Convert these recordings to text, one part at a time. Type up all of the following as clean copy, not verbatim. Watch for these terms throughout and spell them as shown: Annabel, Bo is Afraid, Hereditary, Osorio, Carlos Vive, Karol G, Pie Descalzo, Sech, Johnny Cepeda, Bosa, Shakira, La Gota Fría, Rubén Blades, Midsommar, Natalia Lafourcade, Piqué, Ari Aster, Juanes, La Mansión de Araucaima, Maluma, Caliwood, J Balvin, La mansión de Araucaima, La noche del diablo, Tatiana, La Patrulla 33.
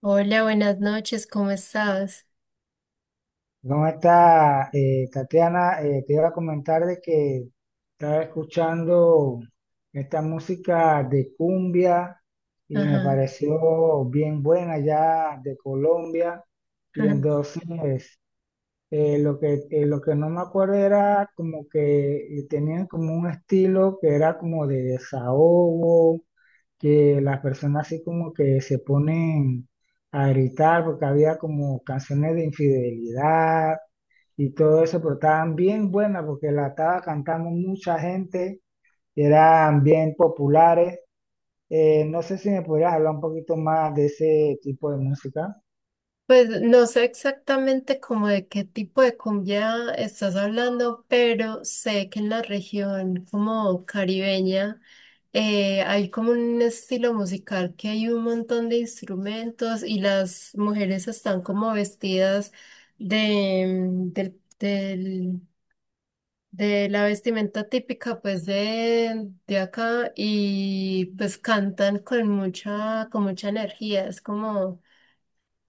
Hola, buenas noches, ¿cómo estás? ¿Cómo está, Tatiana? Te iba a comentar de que estaba escuchando esta música de cumbia y me Ajá. pareció bien buena ya de Colombia. Y entonces lo que no me acuerdo era como que tenían como un estilo que era como de desahogo, que las personas así como que se ponen a gritar porque había como canciones de infidelidad y todo eso, pero estaban bien buenas porque la estaba cantando mucha gente, eran bien populares. No sé si me podrías hablar un poquito más de ese tipo de música. Pues no sé exactamente como de qué tipo de cumbia estás hablando, pero sé que en la región como caribeña hay como un estilo musical que hay un montón de instrumentos y las mujeres están como vestidas de, de la vestimenta típica pues de acá y pues cantan con mucha energía, es como...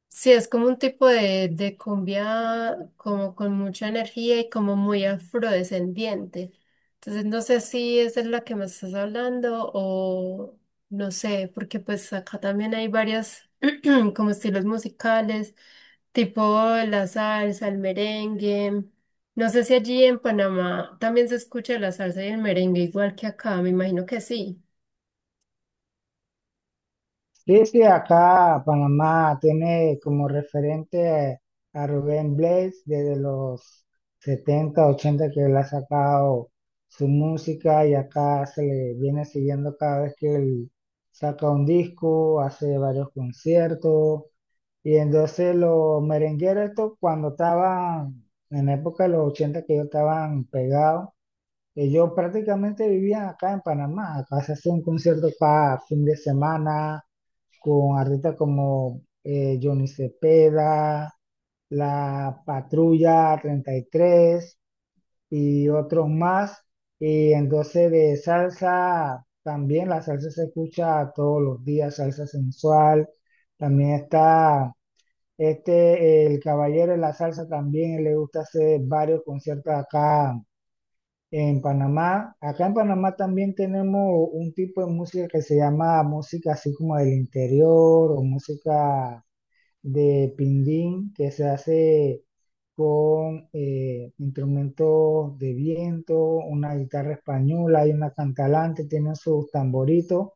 Sí, es como un tipo de cumbia como con mucha energía y como muy afrodescendiente. Entonces no sé si esa es la que me estás hablando o no sé, porque pues acá también hay varias como estilos musicales, tipo la salsa, el merengue. No sé si allí en Panamá también se escucha la salsa y el merengue igual que acá, me imagino que sí. Sí, sí, acá Panamá tiene como referente a Rubén Blades desde los 70, 80, que él ha sacado su música y acá se le viene siguiendo cada vez que él saca un disco, hace varios conciertos. Y entonces los merengueros estos, cuando estaban en la época de los 80, que ellos estaban pegados, ellos prácticamente vivían acá en Panamá, acá se hacía un concierto cada fin de semana con artistas como Johnny Cepeda, La Patrulla 33 y tres y otros más. Y entonces de salsa también, la salsa se escucha todos los días, salsa sensual. También está este, el caballero de la salsa también, él le gusta hacer varios conciertos acá en Panamá. Acá en Panamá también tenemos un tipo de música que se llama música así como del interior, o música de pindín, que se hace con instrumentos de viento, una guitarra española y una cantalante, tienen sus tamboritos.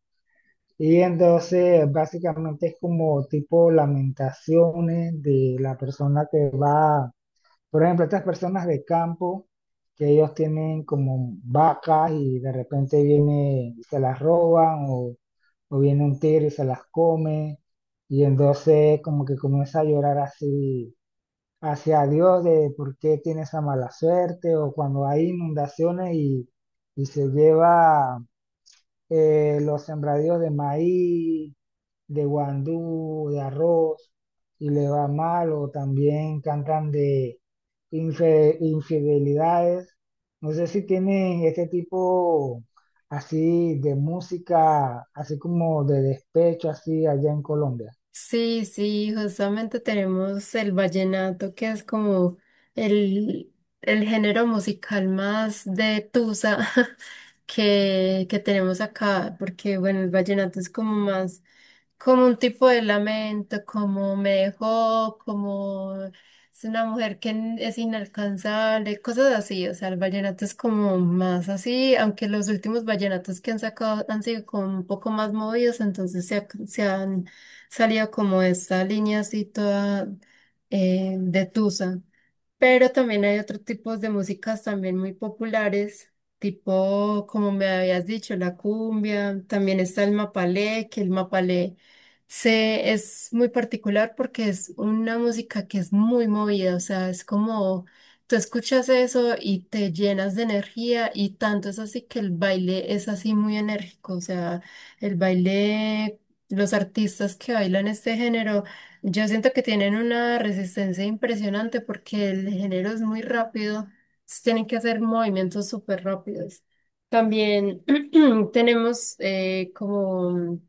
Y entonces básicamente es como tipo lamentaciones de la persona que va, por ejemplo, estas personas de campo que ellos tienen como vacas y de repente viene y se las roban, o viene un tigre y se las come, y entonces como que comienza a llorar así hacia Dios de por qué tiene esa mala suerte, o cuando hay inundaciones y se lleva los sembradíos de maíz, de guandú, de arroz, y le va mal. O también cantan de infidelidades. No sé si tienen este tipo así de música, así como de despecho, así allá en Colombia. Sí, sí, justamente tenemos el vallenato, que es como el, el género musical más de tusa que tenemos acá, porque bueno, el vallenato es como más, como un tipo de lamento, como me dejó, como es una mujer que es inalcanzable, cosas así, o sea, el vallenato es como más así, aunque los últimos vallenatos que han sacado han sido como un poco más movidos, entonces se, se han salía como esta línea así toda de tusa. Pero también hay otros tipos de músicas también muy populares, tipo, como me habías dicho, la cumbia, también está el mapalé, que el mapalé se, es muy particular porque es una música que es muy movida, o sea, es como tú escuchas eso y te llenas de energía y tanto es así que el baile es así muy enérgico, o sea, el baile, los artistas que bailan este género. Yo siento que tienen una resistencia impresionante porque el género es muy rápido, entonces tienen que hacer movimientos súper rápidos. También tenemos como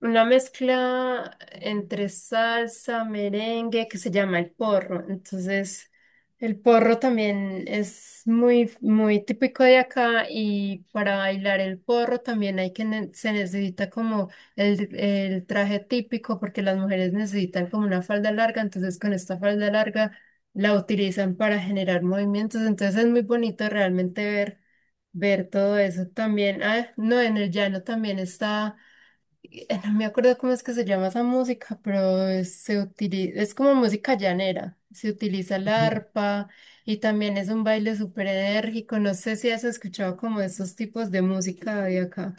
una mezcla entre salsa, merengue, que se llama el porro. Entonces, el porro también es muy, muy típico de acá y para bailar el porro también hay que, se necesita como el traje típico porque las mujeres necesitan como una falda larga, entonces con esta falda larga la utilizan para generar movimientos. Entonces es muy bonito realmente ver, ver todo eso también. Ah, no, en el llano también está no me acuerdo cómo es que se llama esa música, pero se utiliza, es como música llanera. Se utiliza el Ujú. arpa y también es un baile súper enérgico. No sé si has escuchado como esos tipos de música de acá.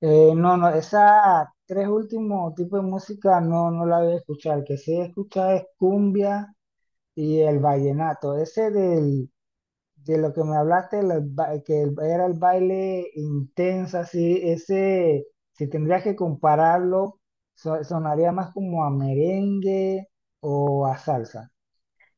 No, esa tres últimos tipos de música no, no la voy a escuchar. El que sí escucha es cumbia y el vallenato. Ese de lo que me hablaste, los ba- que el- era el baile intenso, así, ese, si tendrías que compararlo, sonaría más como a merengue o a salsa.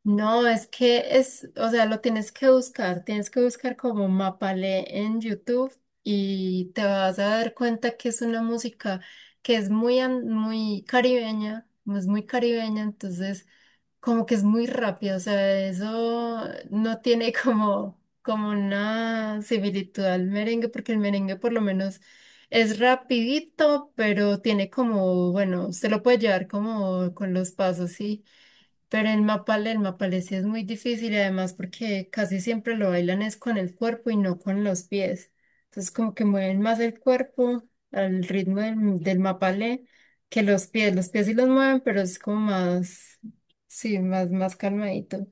No, es que es, o sea, lo tienes que buscar. Tienes que buscar como Mapalé en YouTube y te vas a dar cuenta que es una música que es muy, muy caribeña, es muy caribeña, entonces. Como que es muy rápido, o sea, eso no tiene como, como una similitud al merengue, porque el merengue por lo menos es rapidito, pero tiene como, bueno, se lo puede llevar como con los pasos, sí. Pero el mapalé sí es muy difícil y además porque casi siempre lo bailan es con el cuerpo y no con los pies. Entonces como que mueven más el cuerpo al ritmo del, del mapalé que los pies. Los pies sí los mueven, pero es como más, sí, más, más calmadito.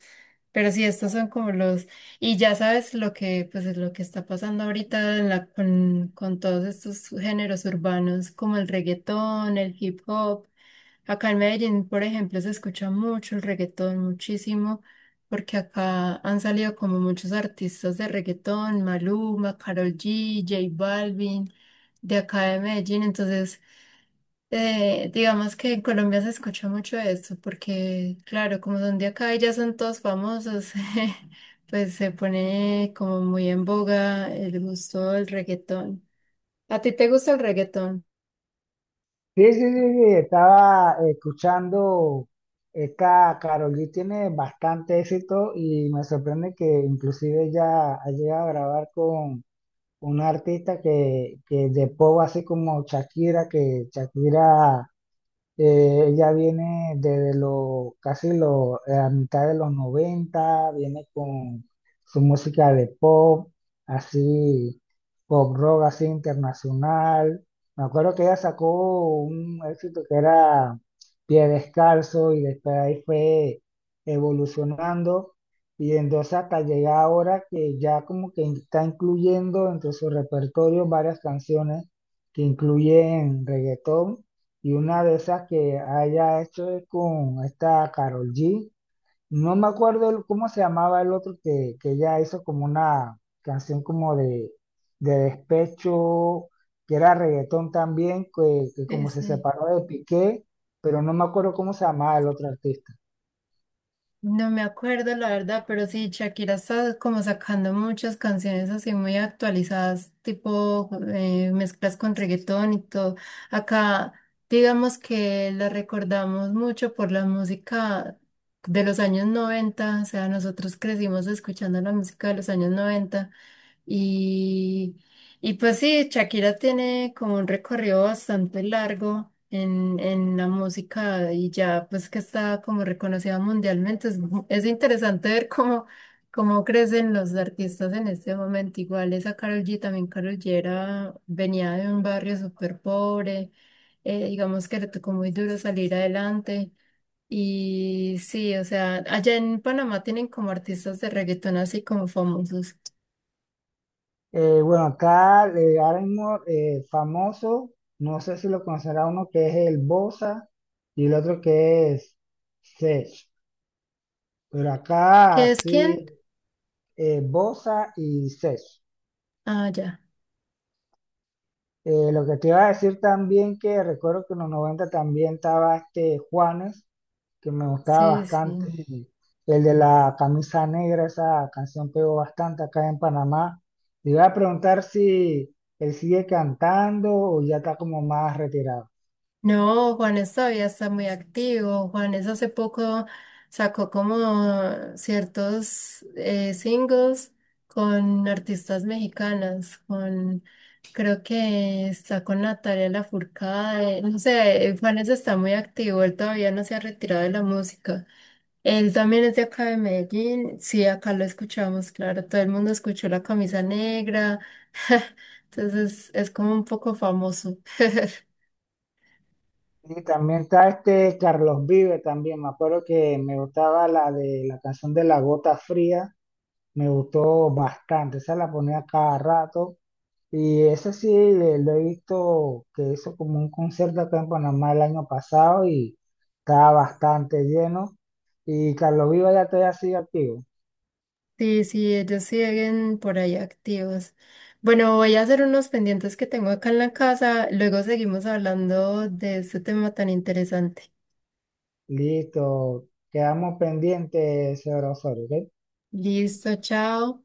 Pero sí, estos son como los, y ya sabes lo que, pues es lo que está pasando ahorita en con todos estos géneros urbanos como el reggaetón, el hip hop. Acá en Medellín, por ejemplo, se escucha mucho el reggaetón, muchísimo, porque acá han salido como muchos artistas de reggaetón, Maluma, Karol G, J Balvin, de acá de Medellín. Entonces, digamos que en Colombia se escucha mucho esto, porque claro, como son de acá y ya son todos famosos, pues se pone como muy en boga el gusto del reggaetón. ¿A ti te gusta el reggaetón? Sí, sí, sí, sí, estaba escuchando, esta Karol G tiene bastante éxito y me sorprende que inclusive ya ha llegado a grabar con un artista que de pop, así como Shakira. Que Shakira Ella viene desde los casi la mitad de los noventa, viene con su música de pop, así, pop rock así internacional. Me acuerdo que ella sacó un éxito que era Pie Descalzo y después ahí fue evolucionando, y entonces hasta llega ahora que ya como que está incluyendo entre su repertorio varias canciones que incluyen reggaetón, y una de esas que haya hecho es con esta Carol G. No me acuerdo cómo se llamaba el otro, que ella hizo como una canción como de despecho, que era reggaetón también, que Sí, como se sí. separó de Piqué, pero no me acuerdo cómo se llamaba el otro artista. No me acuerdo la verdad, pero sí, Shakira está como sacando muchas canciones así muy actualizadas, tipo mezclas con reggaetón y todo. Acá, digamos que la recordamos mucho por la música de los años noventa, o sea, nosotros crecimos escuchando la música de los años 90 y, y pues sí, Shakira tiene como un recorrido bastante largo en la música y ya pues que está como reconocida mundialmente. Es, es interesante ver cómo, cómo crecen los artistas en este momento. Igual esa Karol G, también Karol G venía de un barrio súper pobre, digamos que le tocó muy duro salir adelante. Y sí, o sea, allá en Panamá tienen como artistas de reggaetón así como famosos. Bueno, acá ahora mismo, famoso, no sé si lo conocerá, uno que es el Bosa y el otro que es Sech. Pero ¿Qué acá es sí quién? Bosa y Sech. Ah, ya. Lo que te iba a decir también, que recuerdo que en los 90 también estaba este Juanes, que me gustaba Sí, sí. bastante, y el de la camisa negra, esa canción pegó bastante acá en Panamá. Te iba a preguntar si él sigue cantando o ya está como más retirado. No, Juanes todavía está muy activo. Juanes hace poco sacó como ciertos singles con artistas mexicanas, con creo que está con Natalia Lafourcade. No sé, Juanes está muy activo, él todavía no se ha retirado de la música. Él también es de acá de Medellín. Sí, acá lo escuchamos, claro. Todo el mundo escuchó la camisa negra. Entonces es como un poco famoso. Y también está este Carlos Vive también, me acuerdo que me gustaba la de la canción de La Gota Fría, me gustó bastante, esa la ponía cada rato. Y eso sí, lo he visto que hizo como un concierto acá en Panamá el año pasado y estaba bastante lleno. Y Carlos Viva ya todavía sigue activo. Sí, sí, ellos siguen por ahí activos. Bueno, voy a hacer unos pendientes que tengo acá en la casa. Luego seguimos hablando de este tema tan interesante. Listo, quedamos pendientes, señor Osorio, ¿ok? Listo, chao.